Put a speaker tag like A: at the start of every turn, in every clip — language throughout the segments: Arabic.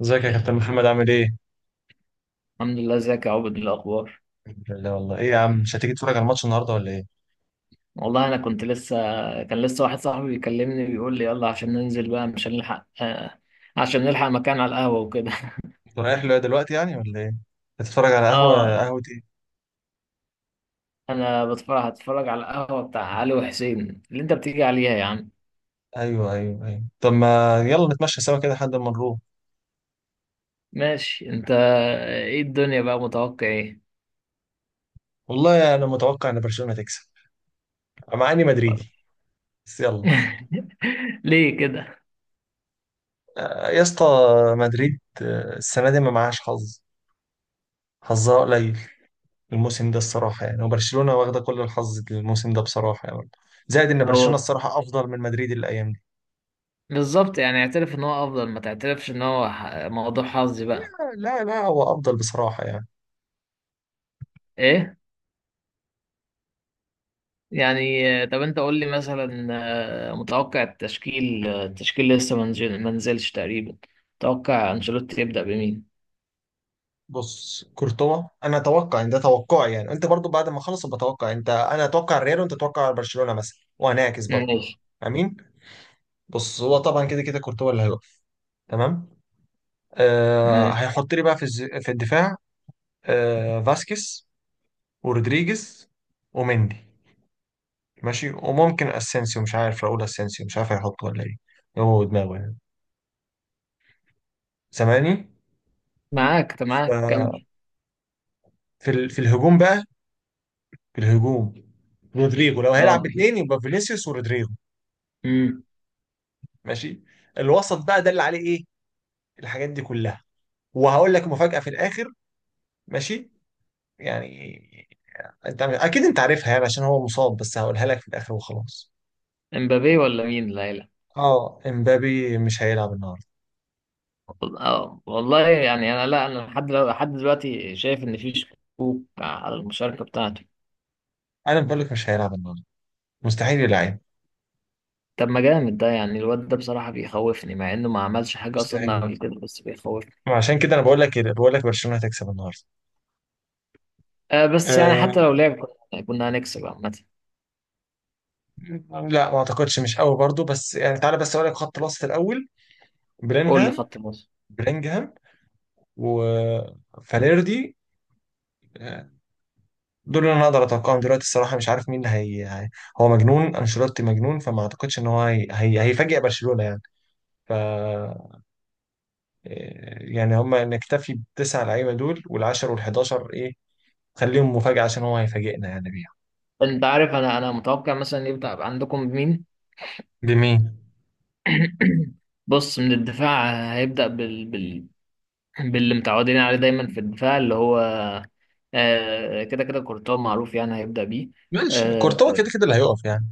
A: ازيك يا كابتن محمد؟ عامل ايه؟
B: الحمد لله. ازيك يا عبد؟ إيه الاخبار؟
A: الحمد لله. والله ايه يا عم، مش هتيجي تتفرج على الماتش النهارده ولا ايه؟
B: والله انا كنت لسه كان لسه واحد صاحبي بيكلمني بيقول لي يلا عشان ننزل بقى مش هنلحق عشان نلحق مكان على القهوه وكده.
A: انت رايح له دلوقتي يعني ولا ايه؟ هتتفرج على قهوه
B: اه.
A: قهوه ايه؟
B: انا هتفرج على القهوه بتاع علي وحسين اللي انت بتيجي عليها يا عم.
A: ايوه ايوه ايوه، طب ما يلا نتمشى سوا كده لحد ما نروح.
B: ماشي. انت ايه الدنيا بقى؟ متوقع ايه؟
A: والله يعني انا متوقع ان برشلونه تكسب، مع اني
B: برضه؟
A: مدريدي بس يلا.
B: ليه كده؟
A: يا اسطى، مدريد السنه دي ما معهاش حظ، حظها قليل الموسم ده الصراحه يعني، وبرشلونه واخده كل الحظ الموسم ده بصراحه يعني. زائد ان برشلونه
B: هو
A: الصراحه افضل من مدريد الايام دي.
B: بالظبط، يعني اعترف ان هو افضل ما تعترفش ان هو موضوع حظي بقى.
A: لا. لا لا، هو افضل بصراحه يعني.
B: ايه؟ يعني طب انت قول لي مثلا متوقع التشكيل لسه ما نزلش تقريبا. متوقع انشيلوتي يبدأ بمين؟
A: بص، كورتوا، انا اتوقع ان ده توقعي يعني، انت برضو بعد ما اخلص بتوقع انت، انا اتوقع الريال وانت تتوقع برشلونه مثلا، وهنعكس برضو.
B: ماشي.
A: امين. بص، هو طبعا كده كده كورتوا اللي هيقف. تمام. آه،
B: ماشي
A: هيحط لي بقى في في الدفاع. فاسكيز ورودريجيز ومندي، ماشي، وممكن اسينسيو، مش عارف، راؤول اسينسيو مش عارف هيحطه ولا ايه، هو دماغه يعني. سامعني؟
B: معاك. طب
A: ف-
B: كمل.
A: في في الهجوم بقى، في الهجوم رودريجو لو هيلعب
B: اه.
A: باثنين يبقى فينيسيوس ورودريجو.
B: امم
A: ماشي. الوسط بقى ده اللي عليه ايه الحاجات دي كلها، وهقول لك مفاجأة في الاخر. ماشي يعني، انت اكيد انت عارفها يعني عشان هو مصاب، بس هقولها لك في الاخر وخلاص.
B: امبابي ولا مين ليلى؟
A: اه، امبابي مش هيلعب النهارده.
B: اه والله، يعني انا لا انا لحد لحد دلوقتي شايف ان في شكوك على المشاركة بتاعته.
A: انا بقول لك مش هيلعب النهارده، مستحيل يلعب.
B: طب ما جامد ده، يعني الواد ده بصراحة بيخوفني مع انه ما عملش حاجة اصلا
A: مستحيل.
B: قبل كده، بس بيخوفني.
A: عشان كده انا بقول لك برشلونة هتكسب النهارده.
B: بس يعني حتى
A: أه.
B: لو لعب كنا هنكسب عامة.
A: لا، ما اعتقدش، مش قوي برضو، بس يعني تعالى بس اقول لك خط الوسط الاول.
B: قول لي
A: بلينغهام.
B: خط النص.
A: بلينغهام وفاليردي، دول اللي انا اقدر اتوقعهم دلوقتي الصراحه، مش عارف مين هي. هو مجنون، انشيلوتي مجنون، فما اعتقدش ان هو هيفاجئ برشلونه يعني. ف آه، يعني هم نكتفي بالتسع لعيبه دول، وال10 وال11 ايه خليهم مفاجاه عشان هو هيفاجئنا يعني بيها.
B: انت عارف، انا متوقع مثلا يبدأ عندكم مين.
A: بمين؟
B: بص، من الدفاع هيبدأ باللي متعودين عليه دايما في الدفاع، اللي هو كده كده كورتوا معروف يعني هيبدأ بيه.
A: ماشي، كورتوا
B: آه،
A: كده كده اللي هيقف يعني.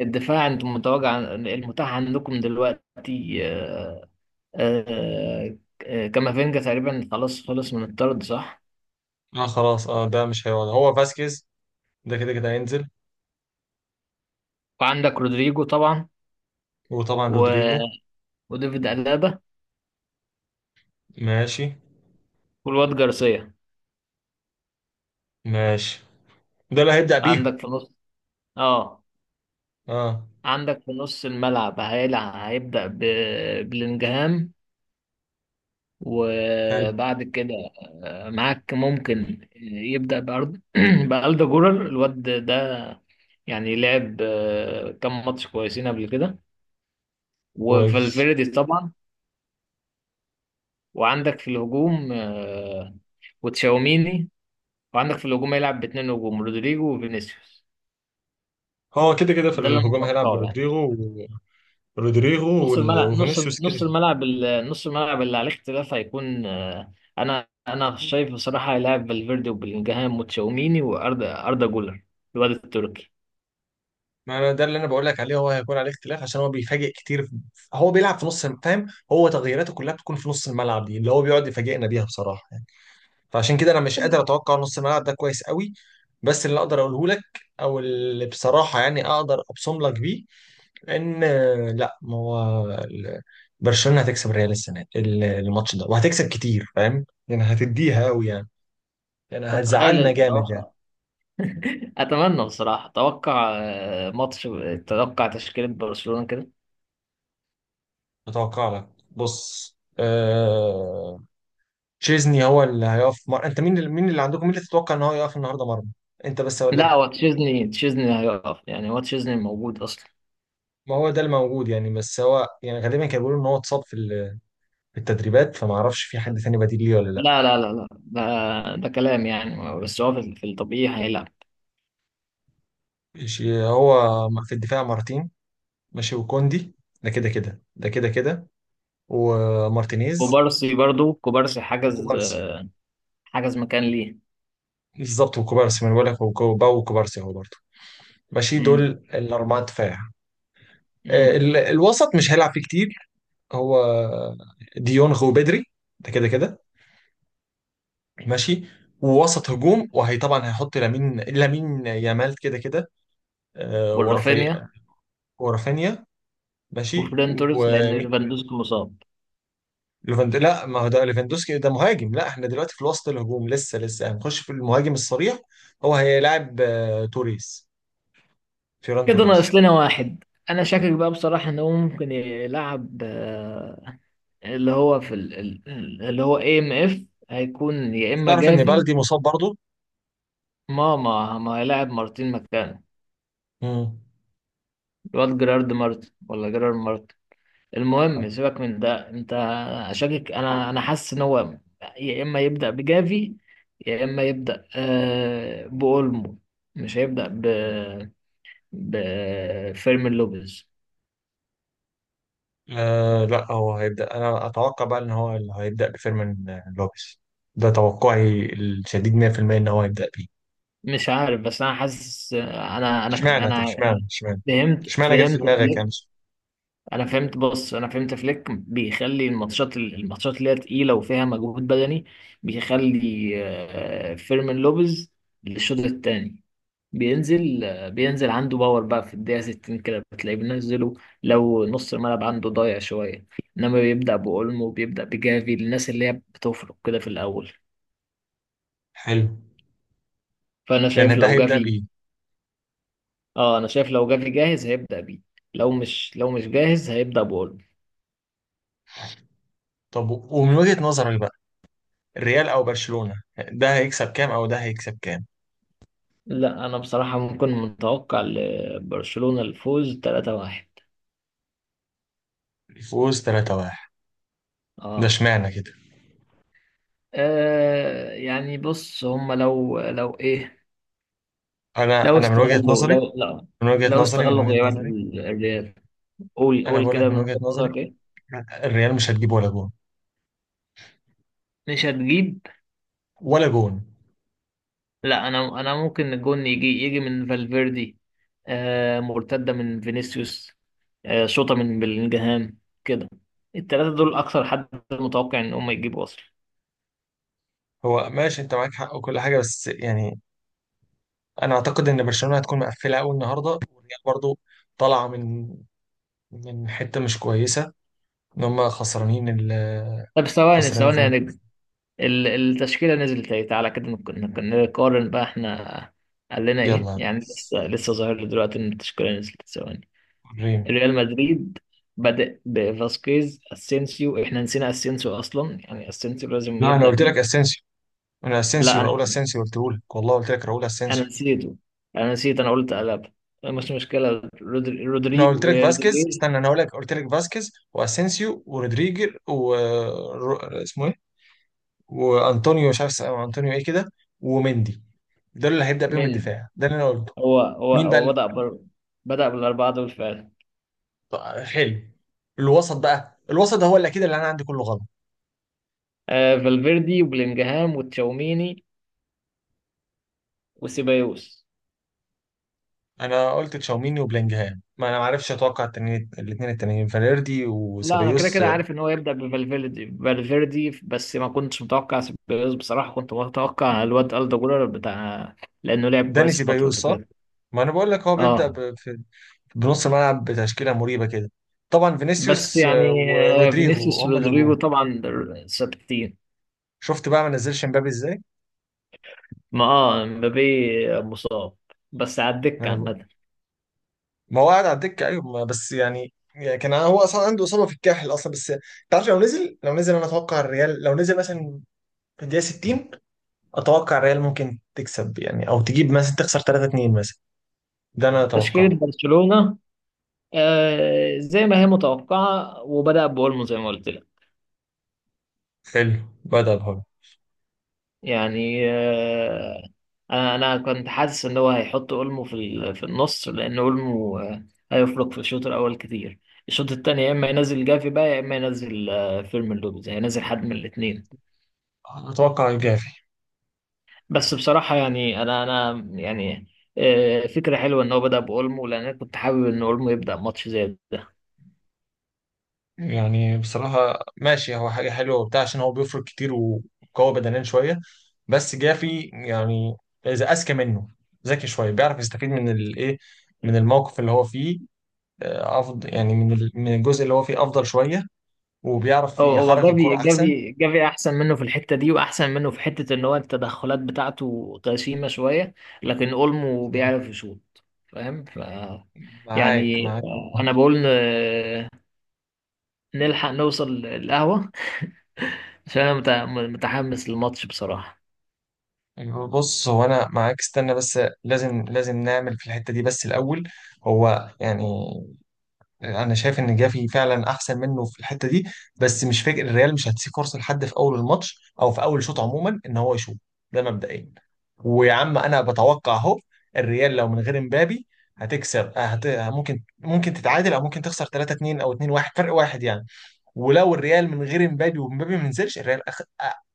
B: الدفاع انتم متوقع المتاح عندكم دلوقتي آه، كامافينجا تقريبا خلاص خلص من الطرد، صح؟
A: اه خلاص، اه، ده مش هيقعد، هو فاسكيز ده كده كده هينزل،
B: وعندك رودريجو طبعا،
A: وطبعا
B: و...
A: رودريجو.
B: وديفيد ألابا
A: ماشي.
B: والواد جارسيا.
A: ماشي، ده اللي هيبدأ بيهم.
B: عندك في نص اه
A: اه.
B: عندك في نص الملعب هيبدأ ببلينجهام.
A: حلو.
B: وبعد كده معاك، ممكن يبدأ بألدا جولر الواد ده. يعني لعب كام ماتش كويسين قبل كده.
A: كويس.
B: وفالفيردي طبعا. وعندك في الهجوم وتشاوميني. وعندك في الهجوم هيلعب باتنين هجوم، رودريجو وفينيسيوس.
A: هو كده كده في
B: ده اللي انا
A: الهجوم هيلعب
B: متوقعه يعني.
A: برودريجو،
B: نص الملعب نص
A: وفينيسيوس كده
B: نص
A: كده.
B: الملعب ال- نص الملعب اللي عليه اختلاف هيكون انا شايف بصراحه هيلاعب فالفيردي وبلينجهام وتشاوميني واردا جولر، الواد التركي.
A: ما أنا ده اللي انا بقول لك عليه، هو هيكون عليه اختلاف عشان هو بيفاجئ كتير هو بيلعب في نص فاهم؟ هو تغييراته كلها بتكون في نص الملعب، دي اللي هو بيقعد يفاجئنا بيها بصراحه يعني. فعشان كده انا مش قادر اتوقع نص الملعب ده كويس قوي. بس اللي اقدر اقوله لك، او اللي بصراحه يعني اقدر ابصم لك بيه، ان آه، لا ما هو ال- برشلونه هتكسب الريال السنه دي، الماتش ده، وهتكسب كتير فاهم يعني، هتديها قوي يعني، يعني
B: طب تخيل
A: هتزعلنا جامد يعني.
B: التوقع. اتمنى بصراحه اتوقع ماتش، اتوقع تشكيله برشلونه كده.
A: اتوقع لك بص تشيزني هو اللي هيقف مر... انت مين مين اللي عندكم، مين اللي تتوقع ان هو يقف النهارده مرمى، انت بس اقول
B: لا،
A: لك.
B: هو تشيزني هيقف يعني، هو تشيزني موجود اصلا.
A: ما هو ده الموجود يعني، بس هو يعني غالبا كانوا بيقولوا ان هو اتصاب في في التدريبات، فما اعرفش في حد تاني بديل ليه ولا لا.
B: لا لا لا لا، ده كلام يعني، بس هو في الطبيعي هيلعب.
A: ماشي هو. في الدفاع مارتين، ماشي، وكوندي، ده كده كده، ده كده كده، ومارتينيز،
B: كوبارسي برضو، كوبارسي
A: وكوبارسي.
B: حجز مكان.
A: بالظبط، وكوبارسي، ما انا بقول لك، وكو- باو وكوبارسي هو برضه. ماشي، دول
B: ليه؟
A: الاربعه دفاع.
B: مم.
A: الوسط مش هيلعب فيه كتير هو. ديونغ وبدري، ده كده كده. ماشي. ووسط هجوم، وهي طبعا هيحط لامين، لامين يامال كده كده. ورافي
B: ورافينيا
A: ورافينيا ماشي.
B: وفران توريس، لان
A: وليفاند...
B: ليفاندوسكي مصاب.
A: لا، ما هو ده ليفاندوسكي ده مهاجم، لا احنا دلوقتي في وسط الهجوم، لسه هنخش في المهاجم الصريح. هو هيلاعب توريس، فيران
B: كده ناقص
A: توريس.
B: لنا واحد. انا شاكك بقى بصراحه ان هو ممكن يلعب اللي هو في اللي هو AMF، هيكون يا اما
A: تعرف ان
B: جافي.
A: بالدي مصاب؟
B: ما هيلاعب مارتين مكانه،
A: برضه.
B: الواد جيرارد مارتن ولا جيرارد مارتن. المهم سيبك من ده انت. شاكك، انا حاسس ان هو يا اما يبدا بجافي، يا اما يبدا باولمو. مش هيبدا بفيرمين لوبيز.
A: لا، هو هيبدأ، أنا أتوقع بقى إن هو اللي هيبدأ بفيرمين لوبيز، ده توقعي الشديد 100% إن هو هيبدأ بيه.
B: مش عارف، بس انا حاسس، انا انا
A: اشمعنى طب
B: انا
A: اشمعنى اشمعنى
B: فهمت
A: اشمعنى جت في
B: فهمت
A: دماغك
B: فليك.
A: يعني؟
B: انا فهمت. بص انا فهمت فليك بيخلي الماتشات اللي هي تقيله وفيها مجهود بدني، بيخلي فيرمين لوبيز للشوط الثاني. بينزل عنده باور بقى في الدقيقه 60 كده بتلاقيه بينزله. لو نص الملعب عنده ضايع شويه، انما بيبدا باولمو، بيبدا بجافي، الناس اللي هي بتفرق كده في الاول.
A: حلو.
B: فانا
A: يعني
B: شايف
A: ده
B: لو
A: هيبدأ
B: جافي.
A: بيه.
B: اه انا شايف لو جري جاهز هيبدأ بيه، لو مش جاهز هيبدأ بقوله.
A: طب ومن وجهة نظرك بقى، الريال أو برشلونة، ده هيكسب كام أو ده هيكسب كام؟
B: لا انا بصراحة ممكن متوقع لبرشلونة الفوز 3-1.
A: فوز 3-1؟ ده
B: اه.
A: اشمعنى كده؟
B: يعني بص هم، لو ايه،
A: أنا
B: لو
A: أنا من وجهة
B: استغلوا
A: نظري
B: لو لا
A: من وجهة
B: لو
A: نظري من
B: استغلوا
A: وجهة
B: غيابات
A: نظري
B: الريال. قول
A: أنا
B: قول
A: بقول لك،
B: كده من
A: من وجهة
B: وجهة
A: نظري
B: نظرك ايه.
A: الريال مش هتجيب ولا جون.
B: مش هتجيب.
A: ولا جون.
B: لا، انا ممكن الجون يجي من فالفيردي، مرتده من فينيسيوس، شوطه من بلينجهام، كده. الثلاثه دول اكثر حد متوقع ان هم يجيبوا اصلا.
A: هو ماشي، انت معاك حق وكل حاجه، بس يعني انا اعتقد ان برشلونه هتكون مقفله قوي النهارده، والريال برضو طالعه من، من حته مش كويسه، ان هم خسرانين ال
B: طب ثواني
A: خسرانين في...
B: ثواني يا نجم. التشكيله نزلت اهي. تعالى كده نقارن بقى احنا قال لنا ايه.
A: يلا يا
B: يعني لسه
A: ريس.
B: لسه ظاهر لي دلوقتي ان التشكيله نزلت ثواني.
A: ريم.
B: ريال مدريد بدأ بفاسكيز، اسينسيو. احنا نسينا اسينسيو اصلا. يعني اسينسيو لازم
A: لا، انا
B: يبدأ
A: قلت
B: بيه.
A: لك اسينسيو، انا
B: لا
A: اسينسيو،
B: انا
A: راؤول اسينسيو قلت لك، والله قلت لك راؤول
B: انا
A: اسينسيو.
B: نسيته. انا نسيت. انا قلت، قلب، مش مشكله.
A: انا قلت
B: رودريجو
A: لك فاسكيز
B: رودريجو
A: استنى انا هقول لك قلت لك فاسكيز واسينسيو ورودريجر رو- اسمه ايه، وانطونيو، مش عارف اسمه، انطونيو ايه كده، ومندي، ده اللي هيبدأ بيهم
B: من؟
A: الدفاع، ده اللي انا قلته.
B: هو هو
A: مين بقى؟
B: هو بدأ بالاربعه دول فعلا.
A: طيب، حلو. الوسط بقى، الوسط ده هو اللي اكيد اللي انا عندي كله غلط.
B: فالفيردي وبلينجهام وتشاوميني وسيبايوس.
A: انا قلت تشاوميني وبلينجهام، ما انا ما عرفش اتوقع التنين الاثنين التانيين، فاليردي
B: لا انا كده
A: وسبايوس.
B: كده عارف ان هو يبدأ بفالفيردي، بس ما كنتش متوقع سيبايوس بصراحه. كنت متوقع الواد ألدا جولر بتاع، لانه لعب
A: داني
B: كويس الفتره
A: سيبايوس
B: اللي
A: صح.
B: فاتت.
A: ما انا بقول لك هو بيبدا
B: اه
A: بنص الملعب، بتشكيله مريبه كده. طبعا
B: بس
A: فينيسيوس
B: يعني
A: ورودريجو
B: فينيسيوس
A: هم
B: رودريجو
A: الهجوم.
B: طبعا. 60.
A: شفت بقى ما نزلش مبابي ازاي؟
B: ما اه مبابي مصاب بس على
A: ما,
B: الدكة
A: أنا بقول.
B: عامة.
A: ما هو قاعد على الدكه ايوه، ما بس يعني يعني كان هو اصلا عنده اصابه في الكاحل اصلا بس. تعرف لو نزل، انا اتوقع الريال لو نزل مثلا في الدقيقه 60، اتوقع الريال ممكن تكسب يعني، او تجيب مثلا، تخسر 3-2 مثلا، ده انا
B: تشكيلة
A: اتوقعه.
B: برشلونة زي ما هي متوقعة وبدأ بأولمو زي ما قلت لك.
A: حلو. بدأ بهاي.
B: يعني أنا كنت حاسس إن هو هيحط أولمو في في النص لأن أولمو هيفرق في الشوط الأول كتير. الشوط التاني يا إما ينزل جافي بقى، يا إما ينزل فيرمين لوبيز. هينزل حد من الاتنين.
A: اتوقع الجافي.
B: بس بصراحة يعني أنا يعني فكرة حلوة إن هو بدأ بأولمو، لأن أنا كنت حابب إن أولمو يبدأ ماتش زي ده.
A: يعني بصراحه ماشي، هو حاجه حلوه وبتاع، عشان هو بيفرق كتير وقوي بدنيا شويه. بس جافي يعني اذا اذكى منه، ذكي شويه، بيعرف يستفيد من الايه، من الموقف اللي هو فيه، افضل يعني من الجزء اللي هو فيه افضل شويه، وبيعرف
B: هو
A: يحرك الكرة
B: جافي
A: احسن.
B: جافي جافي احسن منه في الحته دي، واحسن منه في حته ان هو التدخلات بتاعته غشيمه شويه، لكن اولمو
A: بالظبط.
B: بيعرف يشوط. فاهم؟
A: معاك،
B: يعني
A: معاك والله.
B: انا بقول نلحق نوصل القهوه عشان انا متحمس للماتش بصراحه.
A: أيوة، بص، هو انا معاك استنى بس، لازم نعمل في الحته دي بس الاول. هو يعني انا شايف ان جافي فعلا احسن منه في الحته دي، بس مش فاكر الريال مش هتسيب فرصه لحد في اول الماتش او في اول شوط عموما ان هو يشوط، ده مبدئيا. ويا عم انا بتوقع اهو، الريال لو من غير امبابي هتكسب، آه، هت... ممكن ممكن تتعادل او ممكن تخسر 3-2 او 2-1 فرق واحد يعني. ولو الريال من غير امبابي، وامبابي ما نزلش، الريال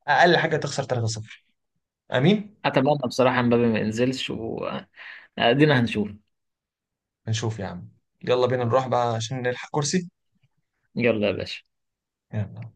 A: اقل حاجه تخسر 3-0. امين.
B: اتمنى بصراحه مبابي ما ينزلش وادينا. هنشوف.
A: نشوف يا عم، يلا بينا نروح بقى عشان نلحق كرسي.
B: يلا يا باشا.
A: يلا.